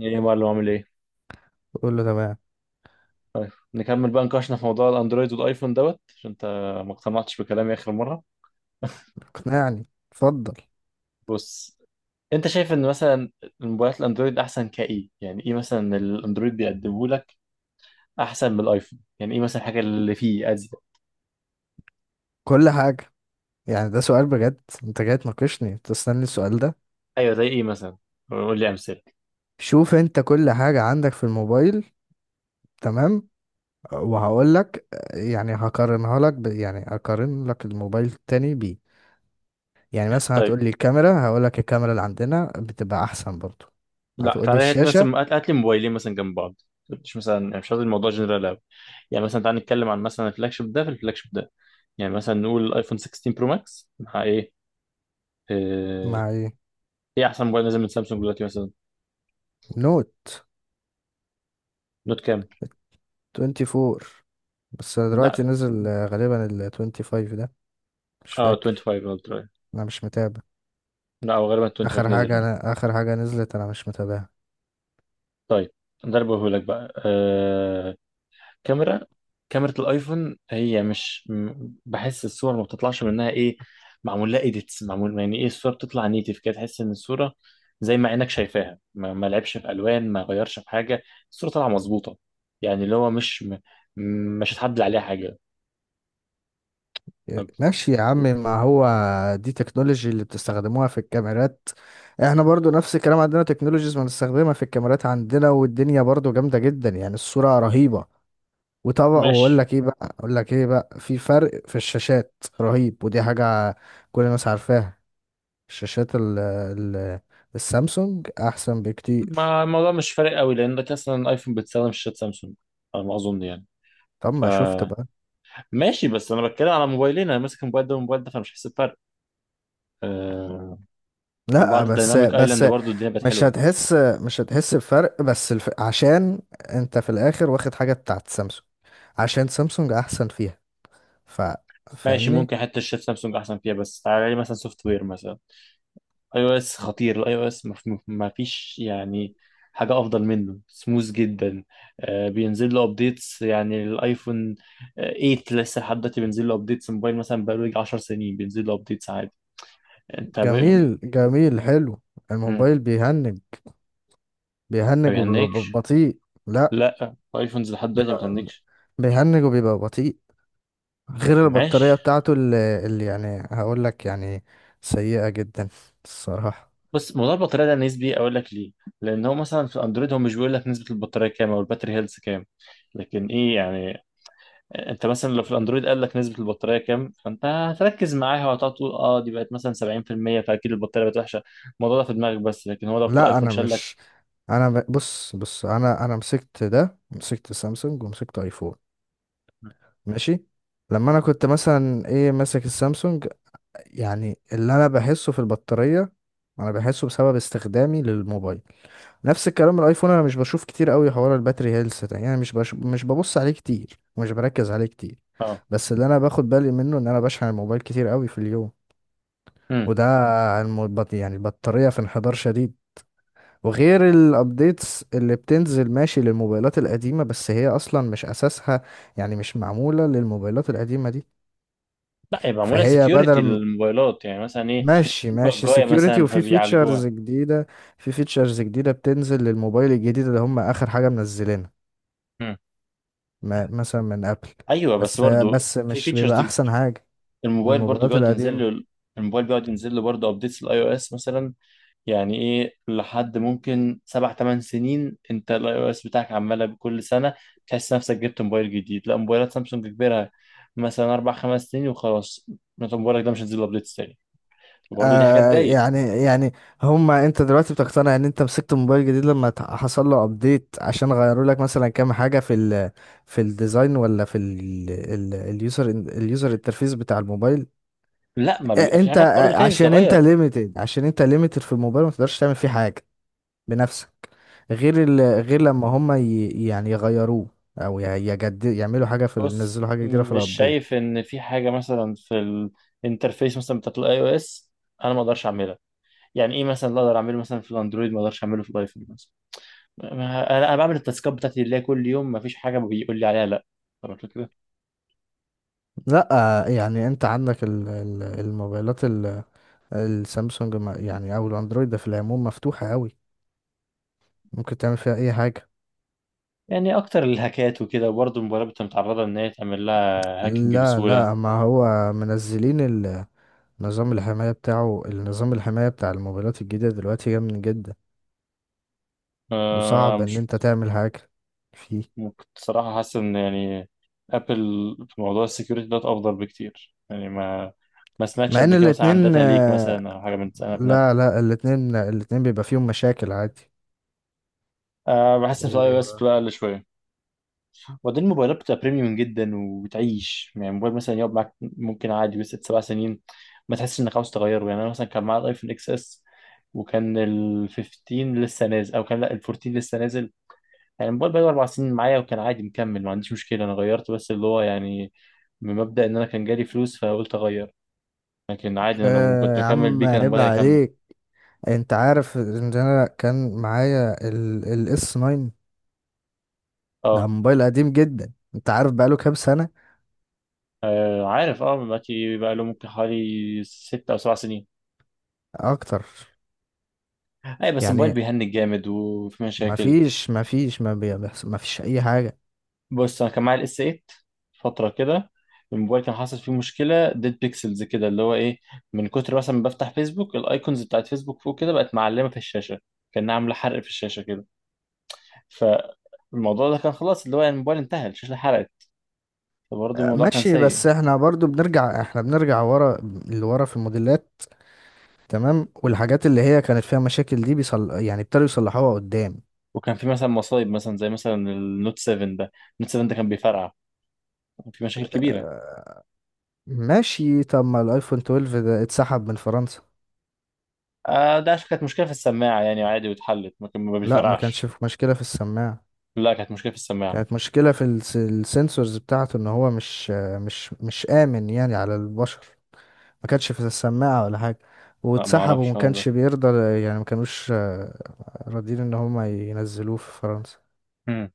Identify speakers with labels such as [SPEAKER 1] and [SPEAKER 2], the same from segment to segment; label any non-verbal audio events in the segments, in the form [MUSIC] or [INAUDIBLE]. [SPEAKER 1] ايه يا معلم؟ عامل ايه؟
[SPEAKER 2] بقول له تمام.
[SPEAKER 1] نكمل بقى نقاشنا في موضوع الاندرويد والايفون دوت، عشان انت ما اقتنعتش بكلامي اخر مره.
[SPEAKER 2] اقنعني، اتفضل.
[SPEAKER 1] بص، انت شايف ان مثلا الموبايلات الاندرويد احسن؟ كايه يعني؟ ايه مثلا الاندرويد بيقدمه لك احسن من الايفون؟ يعني ايه مثلا الحاجه اللي فيه ازيد؟
[SPEAKER 2] كل حاجة. يعني ده سؤال بجد؟ انت جاي تناقشني تستني السؤال ده؟
[SPEAKER 1] ايوه، زي ايه مثلا؟ قول لي امثله.
[SPEAKER 2] شوف، انت كل حاجة عندك في الموبايل، تمام، وهقول لك. يعني يعني هقارن لك الموبايل التاني بيه. يعني مثلا
[SPEAKER 1] طيب،
[SPEAKER 2] هتقول لي الكاميرا، هقول لك الكاميرا اللي عندنا بتبقى احسن برضو.
[SPEAKER 1] لا
[SPEAKER 2] هتقول لي
[SPEAKER 1] تعالى هات لي
[SPEAKER 2] الشاشة.
[SPEAKER 1] مثلا، هات لي موبايلين مثلا جنب بعض. مش مثلا، يعني مش قصدي الموضوع جنرال قوي. يعني مثلا تعالى نتكلم عن مثلا الفلاج شيب ده. في الفلاج شيب ده يعني مثلا نقول الايفون 16 برو ماكس مع ايه. آه،
[SPEAKER 2] مع ايه؟
[SPEAKER 1] ايه احسن موبايل نازل من سامسونج دلوقتي مثلا؟
[SPEAKER 2] نوت
[SPEAKER 1] نوت كام؟
[SPEAKER 2] 24. بس دلوقتي
[SPEAKER 1] لا،
[SPEAKER 2] نزل، غالبا ال 25 ده. مش
[SPEAKER 1] اه
[SPEAKER 2] فاكر،
[SPEAKER 1] 25 الترا.
[SPEAKER 2] انا مش متابع.
[SPEAKER 1] لا هو غالبا 25 نزل اه.
[SPEAKER 2] اخر حاجه نزلت انا مش متابعها.
[SPEAKER 1] طيب، ده اللي بقوله لك بقى كاميرا. كاميرا الايفون، هي مش بحس الصور ما بتطلعش منها ايه، معمول لها ايديتس، معمول. يعني ايه، الصوره بتطلع نيتف كده، تحس ان الصوره زي ما عينك شايفاها، ما لعبش في الوان، ما غيرش في حاجه، الصوره طالعه مظبوطه. يعني اللي هو مش هتعدل عليها حاجه. طب
[SPEAKER 2] ماشي يا عم، ما هو دي تكنولوجي اللي بتستخدموها في الكاميرات. احنا برضو نفس الكلام، عندنا تكنولوجيز بنستخدمها في الكاميرات عندنا، والدنيا برضو جامده جدا، يعني الصوره رهيبه. وطبعا واقول
[SPEAKER 1] ماشي.
[SPEAKER 2] لك ايه بقى اقول لك ايه بقى، في فرق في الشاشات رهيب، ودي حاجه كل الناس عارفاها. الشاشات ال ال السامسونج احسن بكتير.
[SPEAKER 1] ما الموضوع مش فارق قوي، لانك اصلا الايفون بتستخدم شاشة سامسونج على ما اظن يعني.
[SPEAKER 2] طب
[SPEAKER 1] ف
[SPEAKER 2] ما شفت بقى.
[SPEAKER 1] ماشي، بس انا بتكلم على موبايلين، انا ماسك الموبايل ده والموبايل ده، فانا مش حاسس بفرق. أه،
[SPEAKER 2] لا،
[SPEAKER 1] وبعد
[SPEAKER 2] بس
[SPEAKER 1] الديناميك
[SPEAKER 2] بس
[SPEAKER 1] ايلاند برضو الدنيا بقت
[SPEAKER 2] مش
[SPEAKER 1] حلوه.
[SPEAKER 2] هتحس مش هتحس بفرق، بس عشان انت في الاخر واخد حاجة بتاعت سامسونج، عشان سامسونج احسن فيها. ف
[SPEAKER 1] ماشي،
[SPEAKER 2] فاهمني.
[SPEAKER 1] ممكن حتى الشاشة سامسونج احسن فيها، بس تعالى لي مثلا سوفت وير مثلا. اي او اس خطير. الاي او اس ما ما فيش يعني حاجه افضل منه، سموث جدا. أه بينزل له ابديتس يعني الايفون 8 لسه لحد دلوقتي بينزل له ابديتس. موبايل مثلا بقاله يجي 10 سنين بينزل له ابديتس عادي. انت
[SPEAKER 2] جميل جميل، حلو. الموبايل بيهنج.
[SPEAKER 1] ما
[SPEAKER 2] وبيبقى
[SPEAKER 1] بيهنكش؟
[SPEAKER 2] بطيء. لا،
[SPEAKER 1] لا، الايفونز لحد دلوقتي ما
[SPEAKER 2] بيبقى
[SPEAKER 1] بتهنكش.
[SPEAKER 2] بيهنج وبيبقى بطيء. غير البطارية
[SPEAKER 1] ماشي.
[SPEAKER 2] بتاعته اللي يعني هقول لك، يعني سيئة جدا الصراحة.
[SPEAKER 1] بس الموضوع البطاريه ده نسبي، اقول لك ليه. لان هو مثلا في الاندرويد هو مش بيقول لك نسبه البطاريه كام او الباتري هيلث كام، لكن ايه يعني. انت مثلا لو في الاندرويد قال لك نسبه البطاريه كام، فانت هتركز معاها، وهتقعد تقول اه دي بقت مثلا 70%، فاكيد البطاريه بقت وحشه. الموضوع ده في دماغك بس، لكن هو لو في
[SPEAKER 2] لا،
[SPEAKER 1] الايفون
[SPEAKER 2] انا
[SPEAKER 1] شال لك.
[SPEAKER 2] مش انا بص بص، انا مسكت سامسونج ومسكت ايفون. ماشي. لما انا كنت مثلا ايه ماسك السامسونج، يعني اللي انا بحسه في البطارية انا بحسه بسبب استخدامي للموبايل. نفس الكلام الايفون، انا مش بشوف كتير قوي حوار الباتري هيلث ده، يعني مش ببص عليه كتير ومش بركز عليه كتير.
[SPEAKER 1] اه.
[SPEAKER 2] بس اللي انا باخد بالي منه ان انا بشحن الموبايل كتير قوي في اليوم،
[SPEAKER 1] امم
[SPEAKER 2] وده يعني البطارية في انحدار شديد. وغير الابديتس اللي بتنزل ماشي للموبايلات القديمة، بس هي اصلا مش اساسها، يعني مش معمولة للموبايلات القديمة دي.
[SPEAKER 1] لا، يبقى معموله
[SPEAKER 2] فهي بدل
[SPEAKER 1] سكيورتي
[SPEAKER 2] م-
[SPEAKER 1] للموبايلات، يعني مثلا ايه،
[SPEAKER 2] ماشي
[SPEAKER 1] في
[SPEAKER 2] ماشي،
[SPEAKER 1] بجايه
[SPEAKER 2] سكيورتي
[SPEAKER 1] مثلا
[SPEAKER 2] وفي
[SPEAKER 1] فبيعالجوها.
[SPEAKER 2] فيتشرز جديدة. في فيتشرز جديدة بتنزل للموبايل الجديد اللي هم اخر حاجة منزلينها،
[SPEAKER 1] مم.
[SPEAKER 2] مثلا من ابل.
[SPEAKER 1] ايوه، بس
[SPEAKER 2] بس
[SPEAKER 1] برضو
[SPEAKER 2] بس
[SPEAKER 1] في
[SPEAKER 2] مش
[SPEAKER 1] فيتشرز.
[SPEAKER 2] بيبقى احسن حاجة
[SPEAKER 1] الموبايل برضو
[SPEAKER 2] للموبايلات
[SPEAKER 1] بيقعد ينزل
[SPEAKER 2] القديمة.
[SPEAKER 1] له، الموبايل بيقعد ينزل له برضه ابديتس الاي او اس مثلا. يعني ايه، لحد ممكن سبع ثمان سنين انت الاي او اس بتاعك عماله بكل سنه تحس نفسك جبت موبايل جديد. لا موبايلات سامسونج كبيرها مثلا اربع خمس سنين وخلاص، انت موبايلك ده مش هينزل له ابديتس تاني. برضه دي حاجات
[SPEAKER 2] آه،
[SPEAKER 1] تضايق.
[SPEAKER 2] يعني انت دلوقتي بتقتنع ان انت مسكت موبايل جديد لما حصل له ابديت عشان غيروا لك مثلا كام حاجة في الديزاين، ولا في ال ال اليوزر انترفيس بتاع الموبايل؟
[SPEAKER 1] لا، ما بيبقى في
[SPEAKER 2] انت،
[SPEAKER 1] حاجات برضه تاني
[SPEAKER 2] عشان انت
[SPEAKER 1] بتتغير.
[SPEAKER 2] ليميتد، عشان انت ليميتد في الموبايل ما تقدرش تعمل فيه حاجة بنفسك. غير ال غير لما هما يعني يغيروه، او يعملوا حاجة
[SPEAKER 1] بص،
[SPEAKER 2] ينزلوا حاجة جديدة في
[SPEAKER 1] مش
[SPEAKER 2] الابديت.
[SPEAKER 1] شايف ان في حاجه مثلا في الانترفيس مثلا بتاعت الاي او اس انا ما اقدرش اعملها. يعني ايه مثلا اللي اقدر اعمله مثلا في الاندرويد ما اقدرش اعمله في الايفون مثلا؟ ما- أنا بعمل التاسكات بتاعتي اللي هي كل يوم، ما فيش حاجه بيقول لي عليها لا. طب الفكره،
[SPEAKER 2] لا. يعني انت عندك الموبايلات السامسونج، يعني او الاندرويد ده في العموم مفتوحة قوي، ممكن تعمل فيها اي حاجة.
[SPEAKER 1] يعني اكتر الهاكات وكده وبرضه الموبايلات بتبقى متعرضه ان هي تعمل لها هاكينج
[SPEAKER 2] لا
[SPEAKER 1] بسهوله.
[SPEAKER 2] لا، ما هو منزلين نظام الحماية بتاعه النظام الحماية بتاع الموبايلات الجديدة دلوقتي جامد جدا،
[SPEAKER 1] آه،
[SPEAKER 2] وصعب ان
[SPEAKER 1] مش
[SPEAKER 2] انت تعمل حاجة فيه.
[SPEAKER 1] ممكن صراحه. حاسس ان يعني ابل في موضوع السكيورتي ده افضل بكتير، يعني ما ما سمعتش
[SPEAKER 2] مع ان
[SPEAKER 1] قبل كده مثلا عن
[SPEAKER 2] الاتنين،
[SPEAKER 1] داتا ليك مثلا او حاجه من سنه من ابل.
[SPEAKER 2] لا لا، الاتنين بيبقى فيهم مشاكل عادي.
[SPEAKER 1] آه، بحس ان في اي او اس
[SPEAKER 2] و-
[SPEAKER 1] بتبقى اقل شويه. وبعدين الموبايلات بتبقى بريميوم جدا وبتعيش، يعني موبايل مثلا يقعد معاك ممكن عادي بس ست سبع سنين ما تحسش انك عاوز تغيره. يعني انا مثلا كان معايا الايفون اكس اس، وكان ال 15 لسه نازل، او كان لا ال 14 لسه نازل. يعني الموبايل بقاله اربع سنين معايا، وكان عادي مكمل، ما عنديش مشكله. انا غيرت بس اللي هو يعني من مبدا ان انا كان جالي فلوس فقلت اغير، لكن عادي انا لو كنت
[SPEAKER 2] يا
[SPEAKER 1] مكمل
[SPEAKER 2] عم
[SPEAKER 1] بيه كان
[SPEAKER 2] عيب
[SPEAKER 1] الموبايل هيكمل.
[SPEAKER 2] عليك، انت عارف ان انا كان معايا الاس 9؟ ده
[SPEAKER 1] اه.
[SPEAKER 2] موبايل قديم جدا، انت عارف بقاله كام سنة؟
[SPEAKER 1] عارف، اه دلوقتي بقى له ممكن حوالي ست او سبع سنين.
[SPEAKER 2] اكتر.
[SPEAKER 1] اي، بس الموبايل
[SPEAKER 2] يعني
[SPEAKER 1] بيهنج جامد وفي مشاكل.
[SPEAKER 2] ما فيش اي حاجه.
[SPEAKER 1] بص انا كان معايا الاس 8 فتره كده، الموبايل كان حاصل فيه مشكله ديد بيكسلز كده، اللي هو ايه، من كتر مثلا ما بفتح فيسبوك الايكونز بتاعت فيسبوك فوق كده بقت معلمه في الشاشه، كان عامله حرق في الشاشه كده. فالموضوع ده كان خلاص، اللي هو يعني الموبايل انتهى، الشاشه حرقت. فبرضه الموضوع كان
[SPEAKER 2] ماشي،
[SPEAKER 1] سيء.
[SPEAKER 2] بس احنا بنرجع ورا، لورا في الموديلات، تمام. والحاجات اللي هي كانت فيها مشاكل دي يعني ابتدوا يصلحوها قدام.
[SPEAKER 1] وكان في مثلا مصايب مثلا زي مثلا النوت 7 ده، النوت 7 ده كان بيفرقع، كان في مشاكل كبيره.
[SPEAKER 2] ماشي. طب ما الايفون 12 ده اتسحب من فرنسا.
[SPEAKER 1] آه، ده عشان كانت مشكله في السماعه، يعني عادي واتحلت، ما كان ما
[SPEAKER 2] لا، ما كانش
[SPEAKER 1] بيفرقعش.
[SPEAKER 2] في مشكله في السماعه.
[SPEAKER 1] لا كانت مشكله في السماعه.
[SPEAKER 2] كانت مشكله في السنسورز بتاعته، ان هو مش آه، مش مش امن يعني على البشر. ما كانش في السماعة ولا حاجة،
[SPEAKER 1] لا ما
[SPEAKER 2] واتسحبوا
[SPEAKER 1] اعرفش
[SPEAKER 2] وما
[SPEAKER 1] الحوار
[SPEAKER 2] كانش بيرضى، يعني ما كانوش راضيين ان هم ينزلوه في فرنسا.
[SPEAKER 1] ده.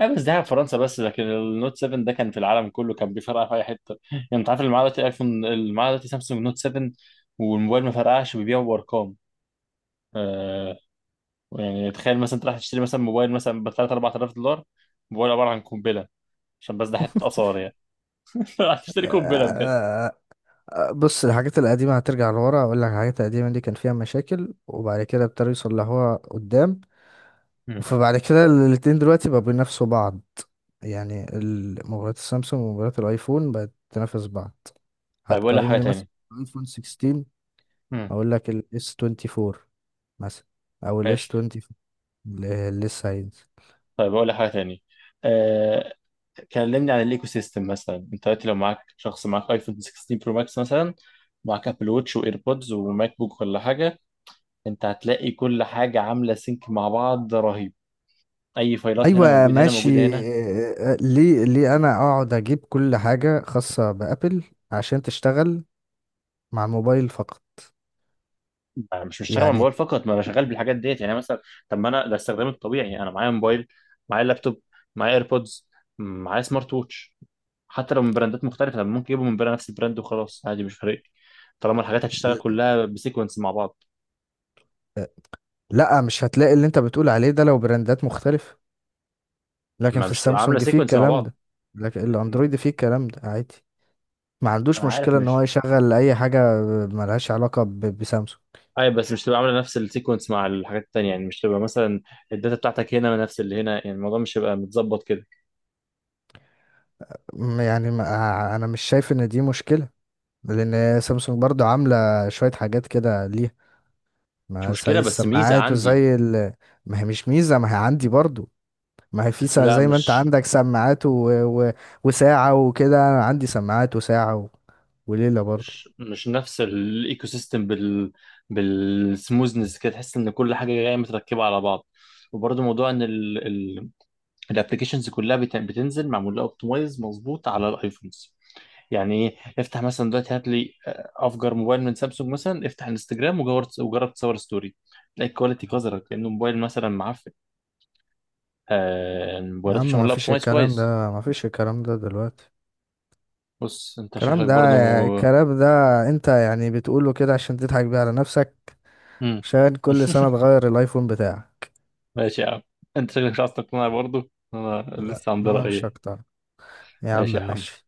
[SPEAKER 1] ايوه بس ده في فرنسا بس، لكن النوت 7 ده كان في العالم كله كان بيفرقع في اي حته، يعني انت عارف اللي معاه دلوقتي ايفون اللي معاه دلوقتي سامسونج نوت 7 والموبايل ما فرقعش بيبيعه بارقام. آه، يعني تخيل مثلا انت رايح تشتري مثلا موبايل مثلا ب 3 4000 دولار، موبايل عباره عن قنبله، عشان بس ده حته اثار يعني. [LAUGHS] رايح تشتري قنبله بجد.
[SPEAKER 2] آه، آه، بص، الحاجات القديمة هترجع لورا. اقول لك، الحاجات القديمة دي كان فيها مشاكل، وبعد كده ابتدوا يصلحوها قدام.
[SPEAKER 1] مم.
[SPEAKER 2] فبعد كده الاتنين دلوقتي بقوا بينافسوا بعض. يعني موبايلات السامسونج وموبايلات الايفون بقت تنافس بعض.
[SPEAKER 1] طيب اقول لك
[SPEAKER 2] هتقارن
[SPEAKER 1] حاجه
[SPEAKER 2] لي
[SPEAKER 1] تاني.
[SPEAKER 2] مثلا ايفون 16،
[SPEAKER 1] مم.
[SPEAKER 2] اقول لك الاس 24 مثلا، او الاس
[SPEAKER 1] ماشي،
[SPEAKER 2] 20 لسه هينزل.
[SPEAKER 1] طيب اقول لك حاجه تاني. آه، كلمني عن الايكو سيستم مثلا. انت دلوقتي لو معاك شخص معاك ايفون 16 برو ماكس مثلا، معاك ابل ووتش وايربودز وماك بوك ولا حاجه، انت هتلاقي كل حاجه عامله سينك مع بعض رهيب. اي فايلات هنا
[SPEAKER 2] ايوه،
[SPEAKER 1] موجوده، هنا
[SPEAKER 2] ماشي.
[SPEAKER 1] موجوده، هنا.
[SPEAKER 2] ليه ليه انا اقعد اجيب كل حاجه خاصه بابل عشان تشتغل مع الموبايل فقط؟
[SPEAKER 1] انا مش بشتغل على
[SPEAKER 2] يعني،
[SPEAKER 1] الموبايل فقط، ما انا شغال بالحاجات ديت يعني مثلا. طب ما انا ده استخدامي الطبيعي، انا معايا موبايل، معايا لابتوب، معايا ايربودز، معايا سمارت ووتش. حتى لو من براندات مختلفه، طب ممكن يجيبوا من براند، نفس البراند وخلاص، عادي مش فارق لي. طالما الحاجات هتشتغل كلها بسيكونس مع بعض.
[SPEAKER 2] آه، لا، مش هتلاقي اللي انت بتقول عليه ده لو براندات مختلفه، لكن
[SPEAKER 1] ما
[SPEAKER 2] في
[SPEAKER 1] مش تبقى عامله
[SPEAKER 2] السامسونج فيه
[SPEAKER 1] سيكونس مع
[SPEAKER 2] الكلام
[SPEAKER 1] بعض.
[SPEAKER 2] ده، لكن الاندرويد فيه الكلام ده عادي، ما عندوش
[SPEAKER 1] انا عارف،
[SPEAKER 2] مشكله ان هو
[SPEAKER 1] مش
[SPEAKER 2] يشغل اي حاجه. ملهاش علاقه بسامسونج.
[SPEAKER 1] اي، بس مش تبقى عامله نفس السيكونس مع الحاجات التانية. يعني مش تبقى مثلا الداتا بتاعتك هنا نفس اللي هنا، يعني الموضوع مش هيبقى متظبط كده.
[SPEAKER 2] يعني ما انا مش شايف ان دي مشكله، لان سامسونج برضو عامله شويه حاجات كده ليها،
[SPEAKER 1] مش
[SPEAKER 2] ما زي
[SPEAKER 1] مشكله، بس ميزه
[SPEAKER 2] السماعات
[SPEAKER 1] عندي.
[SPEAKER 2] وزي ما هي مش ميزة، ما هي عندي برضو، ما هي
[SPEAKER 1] لا،
[SPEAKER 2] زي ما انت
[SPEAKER 1] مش
[SPEAKER 2] عندك سماعات و... وساعة وكده. أنا عندي سماعات وساعة وليلة برضو.
[SPEAKER 1] مش مش نفس الايكو سيستم بال بالسموزنس كده، تحس ان كل حاجه جايه متركبه على بعض. وبرضه موضوع ان الابلكيشنز كلها بتنزل معمول لها اوبتمايز مظبوط على الايفونز. يعني ايه، افتح مثلا دلوقتي، هات لي افجر موبايل من سامسونج مثلا، افتح انستجرام وجرب، تصور ستوري، تلاقي الكواليتي قذرت لانه موبايل مثلا معفن. آه،
[SPEAKER 2] يا
[SPEAKER 1] الموبايلات
[SPEAKER 2] عم،
[SPEAKER 1] مش
[SPEAKER 2] ما
[SPEAKER 1] معمول لها
[SPEAKER 2] فيش
[SPEAKER 1] اوبتمايز
[SPEAKER 2] الكلام ده
[SPEAKER 1] كويس.
[SPEAKER 2] ما فيش الكلام ده دلوقتي.
[SPEAKER 1] بص، انت
[SPEAKER 2] الكلام
[SPEAKER 1] شكلك
[SPEAKER 2] ده
[SPEAKER 1] برضه
[SPEAKER 2] الكلام ده انت يعني بتقوله كده عشان تضحك بيه على نفسك،
[SPEAKER 1] مم.
[SPEAKER 2] عشان كل
[SPEAKER 1] [LAUGHS]
[SPEAKER 2] سنة تغير الايفون بتاعك.
[SPEAKER 1] ماشي يا عم، انت شكلك مش عايز تقتنع برضه. انا
[SPEAKER 2] لا،
[SPEAKER 1] لسه عندي
[SPEAKER 2] انا مش
[SPEAKER 1] رأيي.
[SPEAKER 2] هقتنع. يا عم
[SPEAKER 1] ماشي يا عم.
[SPEAKER 2] ماشي.